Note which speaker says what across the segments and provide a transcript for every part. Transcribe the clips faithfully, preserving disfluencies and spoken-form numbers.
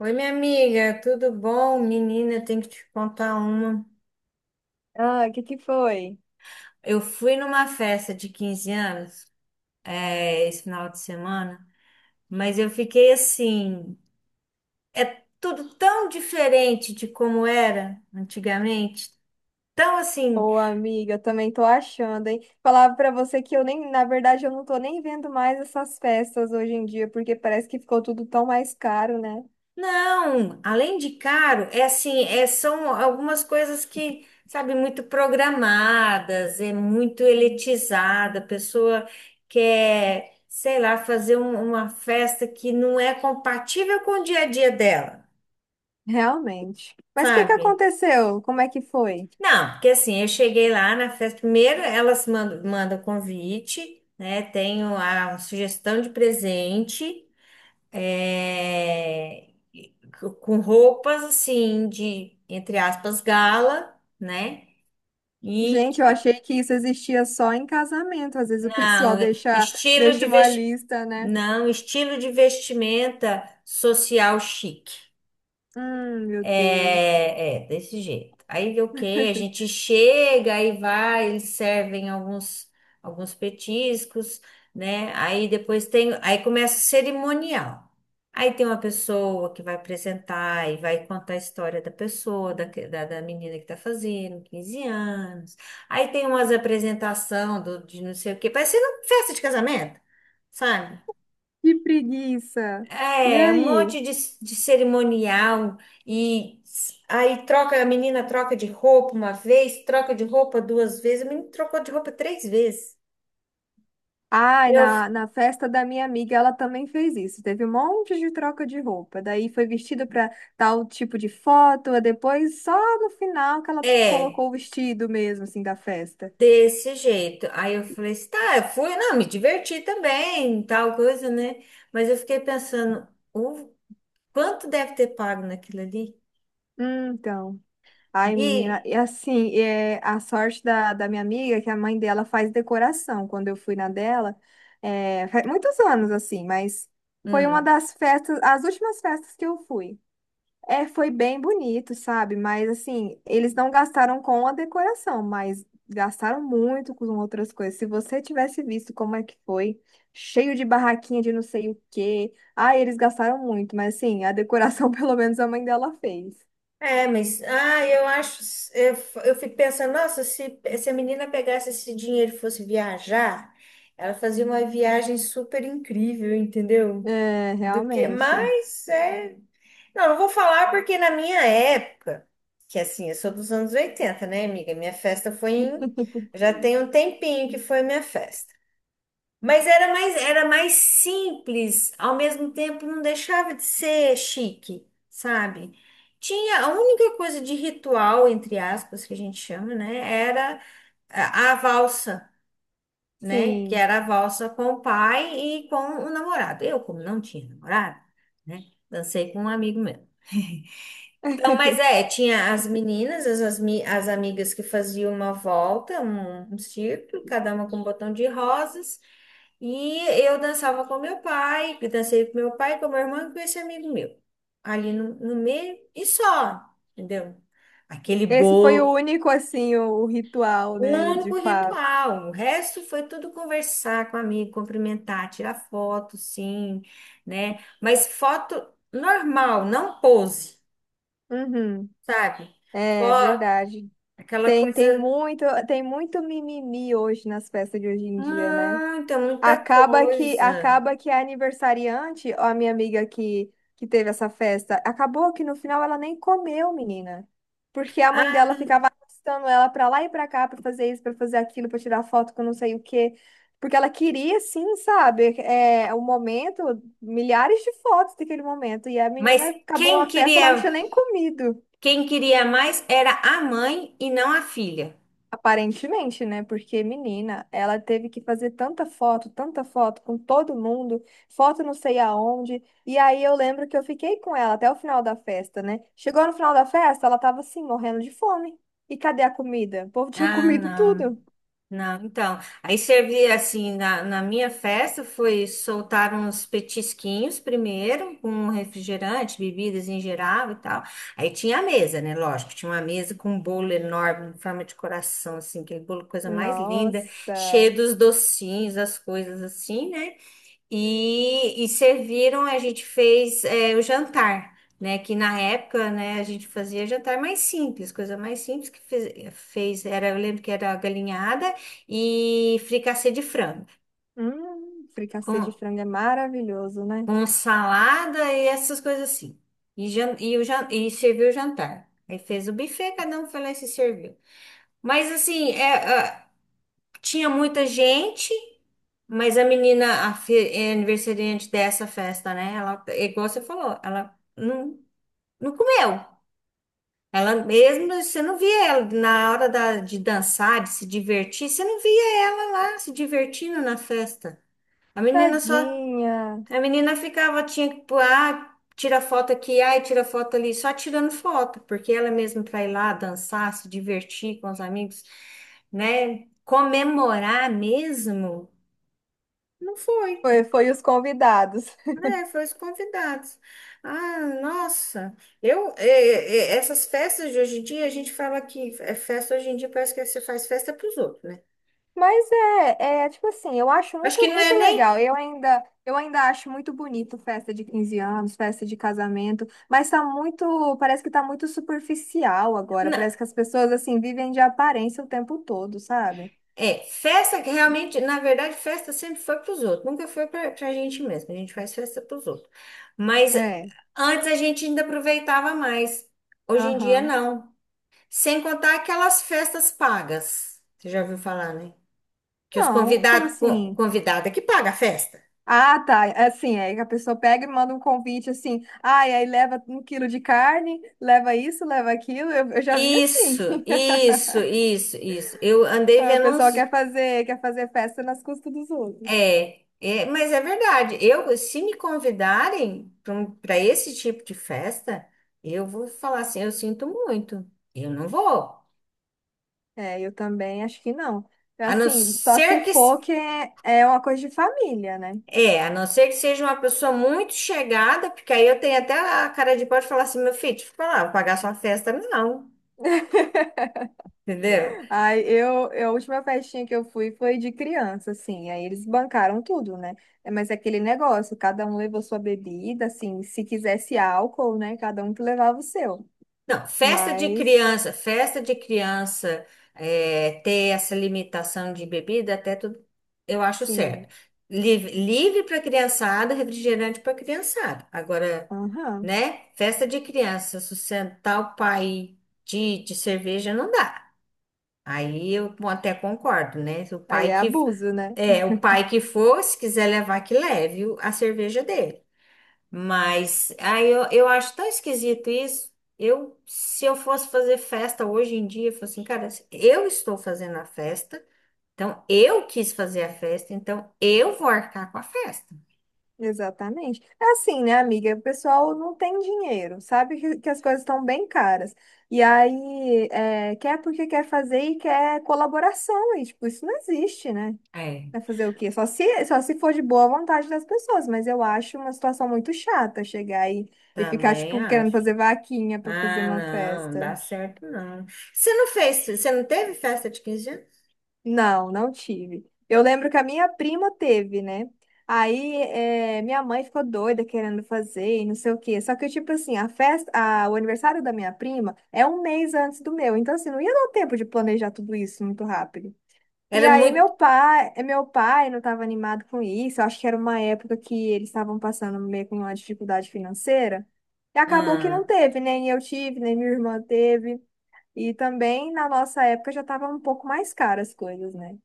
Speaker 1: Oi, minha amiga, tudo bom? Menina, eu tenho que te contar uma.
Speaker 2: Ah, o que que foi?
Speaker 1: Eu fui numa festa de quinze anos, é, esse final de semana. Mas eu fiquei assim, é tudo tão diferente de como era antigamente, tão assim.
Speaker 2: Ô, amiga, eu também tô achando, hein? Falava pra você que eu nem, na verdade, eu não tô nem vendo mais essas festas hoje em dia, porque parece que ficou tudo tão mais caro, né?
Speaker 1: Não, além de caro, é assim, é, são algumas coisas que, sabe, muito programadas, é muito elitizada. A pessoa quer, sei lá, fazer um- uma festa que não é compatível com o dia a dia dela,
Speaker 2: Realmente. Mas o que que
Speaker 1: sabe?
Speaker 2: aconteceu? Como é que foi?
Speaker 1: Não, porque assim, eu cheguei lá na festa. Primeiro elas mandam, mandam convite, né? Tenho a sugestão de presente. é, com roupas assim de, entre aspas, gala, né? E
Speaker 2: Gente, eu achei que isso existia só em casamento. Às vezes o pessoal
Speaker 1: não,
Speaker 2: deixa,
Speaker 1: estilo de
Speaker 2: deixa uma
Speaker 1: vesti...
Speaker 2: lista, né?
Speaker 1: não, estilo de vestimenta social chique.
Speaker 2: Hum, meu Deus.
Speaker 1: É, é, desse jeito. Aí o que? A gente chega, aí vai, eles servem alguns, alguns petiscos, né? Aí depois tem, aí começa o cerimonial. Aí tem uma pessoa que vai apresentar e vai contar a história da pessoa, da, que- da, da menina que tá fazendo quinze anos. Aí tem umas apresentação do, de não sei o quê, parecendo festa de casamento, sabe?
Speaker 2: Que preguiça. E
Speaker 1: É, um
Speaker 2: aí?
Speaker 1: monte de, de cerimonial. E s- aí troca, a menina troca de roupa uma vez, troca de roupa duas vezes, a menina trocou de roupa três vezes.
Speaker 2: Ai,
Speaker 1: Eu, f-
Speaker 2: na, na festa da minha amiga, ela também fez isso. Teve um monte de troca de roupa. Daí foi vestida para tal tipo de foto, e depois só no final que ela
Speaker 1: É,
Speaker 2: colocou o vestido mesmo, assim, da festa.
Speaker 1: desse jeito. Aí eu falei assim, tá, eu fui, não, me diverti também, tal coisa, né? Mas eu fiquei pensando, o quanto deve ter pago naquilo ali?
Speaker 2: Hum, então. Ai, menina,
Speaker 1: E,
Speaker 2: e assim, é, a sorte da, da minha amiga é que a mãe dela faz decoração. Quando eu fui na dela, é, faz muitos anos, assim, mas foi uma
Speaker 1: hum.
Speaker 2: das festas, as últimas festas que eu fui. É, foi bem bonito, sabe? Mas assim, eles não gastaram com a decoração, mas gastaram muito com outras coisas. Se você tivesse visto como é que foi, cheio de barraquinha de não sei o quê. Ah, eles gastaram muito, mas assim, a decoração pelo menos a mãe dela fez.
Speaker 1: É, mas ah, eu acho, eu, eu fico pensando, nossa, se, se a menina pegasse esse dinheiro e fosse viajar, ela fazia uma viagem super incrível, entendeu?
Speaker 2: É,
Speaker 1: Do que,
Speaker 2: realmente.
Speaker 1: mas é, Não, não vou falar porque na minha época, que assim, eu sou dos anos oitenta, né, amiga? Minha festa foi em, Já tem um tempinho que foi minha festa. Mas era mais, era mais simples, ao mesmo tempo não deixava de ser chique, sabe? Tinha a única coisa de ritual, entre aspas, que a gente chama, né? Era a, a valsa, né? Que
Speaker 2: Sim.
Speaker 1: era a valsa com o pai e com o namorado. Eu, como não tinha namorado, né? Dancei com um amigo meu. Então, mas é, tinha as meninas, as, as, mi- as amigas que faziam uma volta, um, um círculo, cada uma com um botão de rosas. E eu dançava com meu pai, que dancei com meu pai, com meu irmão e com esse amigo meu. Ali no, no meio e só, entendeu? Aquele
Speaker 2: Esse foi o
Speaker 1: bolo,
Speaker 2: único, assim, o, o ritual,
Speaker 1: o
Speaker 2: né, de
Speaker 1: único
Speaker 2: fato.
Speaker 1: ritual. O resto foi tudo conversar com amigo, cumprimentar, tirar foto, sim, né? Mas foto normal, não pose,
Speaker 2: Uhum.
Speaker 1: sabe?
Speaker 2: É
Speaker 1: Fo-
Speaker 2: verdade.
Speaker 1: Aquela
Speaker 2: Tem, tem
Speaker 1: coisa,
Speaker 2: muito, tem muito mimimi hoje nas festas de hoje em dia, né?
Speaker 1: muita, muita
Speaker 2: Acaba que
Speaker 1: coisa.
Speaker 2: acaba que a aniversariante, ó, a minha amiga que, que teve essa festa, acabou que no final ela nem comeu, menina. Porque a mãe
Speaker 1: Ah,
Speaker 2: dela ficava arrastando ela pra lá e pra cá pra fazer isso, pra fazer aquilo, pra tirar foto com não sei o quê. Porque ela queria, sim, sabe, é, o momento, milhares de fotos daquele momento. E a
Speaker 1: Mas
Speaker 2: menina acabou
Speaker 1: quem
Speaker 2: a festa, ela não
Speaker 1: queria
Speaker 2: tinha nem comido.
Speaker 1: quem queria mais era a mãe e não a filha.
Speaker 2: Aparentemente, né? Porque, menina, ela teve que fazer tanta foto, tanta foto com todo mundo, foto não sei aonde. E aí eu lembro que eu fiquei com ela até o final da festa, né? Chegou no final da festa, ela tava assim, morrendo de fome. E cadê a comida? O povo tinha
Speaker 1: Ah,
Speaker 2: comido
Speaker 1: não,
Speaker 2: tudo.
Speaker 1: não. Então, aí servia assim, na, na minha festa foi soltar uns petisquinhos primeiro, com refrigerante, bebidas em geral e tal. Aí tinha a mesa, né? Lógico, tinha uma mesa com um bolo enorme, em forma de coração, assim, aquele bolo, coisa mais linda, cheio
Speaker 2: Nossa!
Speaker 1: dos docinhos, as coisas assim, né? E, e serviram, a gente fez é, o jantar, né? Que na época, né, a gente fazia jantar mais simples, coisa mais simples que fez, fez era, eu lembro que era galinhada e fricassê de frango,
Speaker 2: Hum, fricassê de
Speaker 1: com,
Speaker 2: frango é maravilhoso, né?
Speaker 1: com salada e essas coisas assim. E, jan- e, o jan- e serviu o jantar. Aí fez o buffet, cada um foi lá e se serviu. Mas assim, é, tinha muita gente, mas a menina, a fe- é aniversariante dessa festa, né? Ela, é igual você falou, ela não, não comeu. Ela mesmo, você não via ela na hora da- de dançar, de se divertir, você não via ela lá se divertindo na festa. A menina só,
Speaker 2: Tadinha!
Speaker 1: a menina ficava, tinha que, pôr, ah, tira foto aqui, ai, tira foto ali, só tirando foto. Porque ela mesmo para ir lá dançar, se divertir com os amigos, né? Comemorar mesmo. Não foi,
Speaker 2: Foi, foi os convidados.
Speaker 1: né? Foi os convidados. Ah, nossa, eu é, é, é, essas festas de hoje em dia, a gente fala que é festa hoje em dia parece que você faz festa para os outros, né?
Speaker 2: Mas é, é tipo assim, eu acho
Speaker 1: Acho que
Speaker 2: muito,
Speaker 1: não é
Speaker 2: muito
Speaker 1: nem
Speaker 2: legal. Eu ainda, eu ainda acho muito bonito festa de quinze anos, festa de casamento, mas tá muito, parece que tá muito superficial agora.
Speaker 1: Não,
Speaker 2: Parece que as pessoas assim vivem de aparência o tempo todo, sabe?
Speaker 1: é festa que realmente, na verdade, festa sempre foi para os outros, nunca foi para a gente mesmo. A gente faz festa para os outros. Mas
Speaker 2: É.
Speaker 1: antes a gente ainda aproveitava mais. Hoje em dia
Speaker 2: Aham.
Speaker 1: não. Sem contar aquelas festas pagas. Você já ouviu falar, né? Que os
Speaker 2: Não, como
Speaker 1: convidados,
Speaker 2: assim?
Speaker 1: convidada que paga a festa.
Speaker 2: Ah, tá. Assim, é que a pessoa pega e manda um convite assim, ah, e aí leva um quilo de carne, leva isso, leva aquilo. Eu, eu já vi
Speaker 1: Isso,
Speaker 2: assim.
Speaker 1: isso, isso, isso. Eu andei
Speaker 2: O
Speaker 1: vendo uns.
Speaker 2: pessoal quer fazer, quer fazer festa nas custas dos outros.
Speaker 1: É, é, mas é verdade. Eu, se me convidarem para esse tipo de festa, eu vou falar assim, eu sinto muito. Eu não vou.
Speaker 2: É, eu também acho que não.
Speaker 1: A não
Speaker 2: Assim, só se
Speaker 1: ser que s-
Speaker 2: for que é é uma coisa de família, né?
Speaker 1: é, a não ser que seja uma pessoa muito chegada, porque aí eu tenho até a cara de pau de falar assim, meu filho, deixa eu falar, vou pagar sua festa, não, entendeu?
Speaker 2: Aí eu, eu- a última festinha que eu fui foi de criança, assim. Aí eles bancaram tudo, né? É, mas é aquele negócio, cada um levou sua bebida, assim. Se quisesse álcool, né? Cada um que levava o seu.
Speaker 1: Não, festa de
Speaker 2: Mas,
Speaker 1: criança, festa de criança é, ter essa limitação de bebida, até tudo, eu acho
Speaker 2: sim.
Speaker 1: certo. Livre, livre para criançada, refrigerante para criançada. Agora,
Speaker 2: Aham.
Speaker 1: né? Festa de criança, sustentar o pai de, de cerveja não dá. Aí eu até concordo, né? O
Speaker 2: Aí
Speaker 1: pai
Speaker 2: é
Speaker 1: que
Speaker 2: abuso, né?
Speaker 1: é, o pai que for, se quiser levar, que leve o- a cerveja dele. Mas aí eu, eu acho tão esquisito isso. Eu, se eu fosse fazer festa hoje em dia, eu falo assim, cara, eu estou fazendo a festa, então eu quis fazer a festa, então eu vou arcar com a festa.
Speaker 2: Exatamente. É assim, né, amiga? O pessoal não tem dinheiro, sabe que, que as coisas estão bem caras. E aí, é, quer porque quer fazer e quer colaboração. E, tipo, isso não existe, né?
Speaker 1: É.
Speaker 2: Vai fazer o quê? Só se, só se for de boa vontade das pessoas. Mas eu acho uma situação muito chata chegar aí e ficar,
Speaker 1: Também
Speaker 2: tipo, querendo
Speaker 1: acho.
Speaker 2: fazer vaquinha para fazer
Speaker 1: Ah,
Speaker 2: uma
Speaker 1: não, não
Speaker 2: festa.
Speaker 1: dá certo não. Você não fez, você não teve festa de quinze anos?
Speaker 2: Não, não tive. Eu lembro que a minha prima teve, né? Aí eh, minha mãe ficou doida querendo fazer e não sei o quê. Só que, tipo assim, a festa, a- o aniversário da minha prima é um mês antes do meu. Então, assim, não ia dar tempo de planejar tudo isso muito rápido. E
Speaker 1: Era
Speaker 2: aí meu
Speaker 1: muito,
Speaker 2: pai, meu pai não estava animado com isso. Eu acho que era uma época que eles estavam passando meio com uma dificuldade financeira. E acabou que não
Speaker 1: ah,
Speaker 2: teve, nem eu tive, nem minha irmã teve. E também na nossa época já estava um pouco mais caras as coisas, né?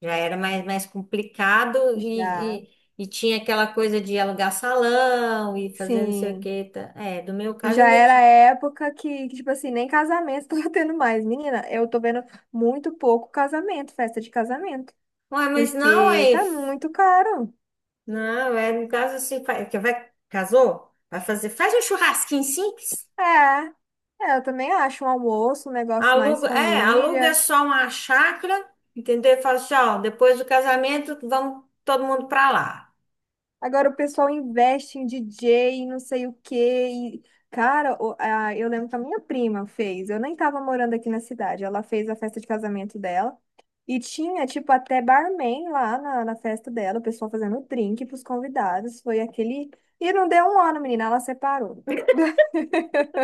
Speaker 1: Já era mais, mais, complicado e,
Speaker 2: Já,
Speaker 1: e, e tinha aquela coisa de alugar salão e fazer não sei o
Speaker 2: sim.
Speaker 1: que. É, do meu
Speaker 2: E
Speaker 1: caso
Speaker 2: já
Speaker 1: ainda
Speaker 2: era a época que, que, tipo assim, nem casamento tava tendo mais. Menina, eu tô vendo muito pouco casamento, festa de casamento,
Speaker 1: Ué, mas não
Speaker 2: porque
Speaker 1: é.
Speaker 2: tá muito caro.
Speaker 1: Não, é no caso assim, fa- que vai, casou? Vai fazer. Faz um churrasquinho simples.
Speaker 2: É, é, eu também acho um almoço, um negócio mais
Speaker 1: Aluga, é, aluga
Speaker 2: família.
Speaker 1: só uma chácara, entendeu? E fala assim, ó, depois do casamento, vamos todo mundo pra lá.
Speaker 2: Agora o pessoal investe em D J, não sei o quê. E, cara, o- a- eu lembro que a minha prima fez. Eu nem tava morando aqui na cidade. Ela fez a festa de casamento dela. E tinha, tipo, até barman lá na, na festa dela. O pessoal fazendo drink pros convidados. Foi aquele. E não deu um ano, menina. Ela separou.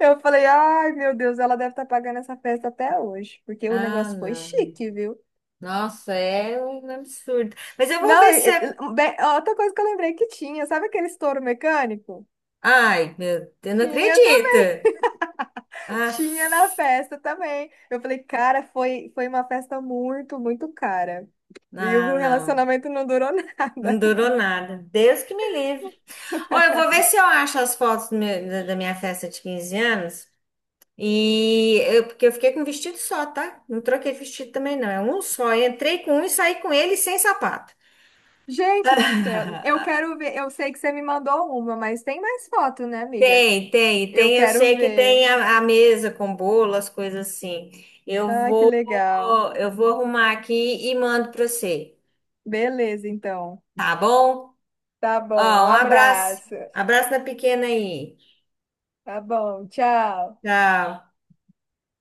Speaker 2: Eu falei, ai, meu Deus, ela deve estar pagando essa festa até hoje. Porque o
Speaker 1: Ah,
Speaker 2: negócio foi
Speaker 1: não.
Speaker 2: chique, viu?
Speaker 1: Nossa, é um absurdo. Mas eu vou
Speaker 2: Não,
Speaker 1: ver
Speaker 2: e-
Speaker 1: se é.
Speaker 2: e- bem, outra coisa que eu lembrei que tinha. Sabe aquele estouro mecânico?
Speaker 1: Ai, meu Deus, não
Speaker 2: Tinha.
Speaker 1: acredito. Ah,
Speaker 2: Tinha na festa também. Eu falei, cara, foi, foi uma festa muito, muito cara. E
Speaker 1: não,
Speaker 2: o
Speaker 1: não.
Speaker 2: relacionamento não durou
Speaker 1: Não
Speaker 2: nada.
Speaker 1: durou nada. Deus que me livre. Ó, eu vou ver se eu acho as fotos do meu- da da minha festa de quinze anos. E eu, porque eu fiquei com um vestido só, tá? Não troquei de vestido também, não. É um só. Eu entrei com um e saí com ele sem sapato.
Speaker 2: Gente do céu, eu quero ver. Eu sei que você me mandou uma, mas tem mais foto, né, amiga?
Speaker 1: Tem, tem,
Speaker 2: Eu
Speaker 1: tem. Eu
Speaker 2: quero
Speaker 1: sei que
Speaker 2: ver.
Speaker 1: tem a, a mesa com bolo, as coisas assim. Eu
Speaker 2: Ah, que
Speaker 1: vou,
Speaker 2: legal.
Speaker 1: eu vou arrumar aqui e mando pra você,
Speaker 2: Beleza, então.
Speaker 1: tá bom?
Speaker 2: Tá
Speaker 1: Ó,
Speaker 2: bom, um
Speaker 1: um abraço.
Speaker 2: abraço.
Speaker 1: Abraço na pequena aí.
Speaker 2: Tá bom, tchau.
Speaker 1: Tchau.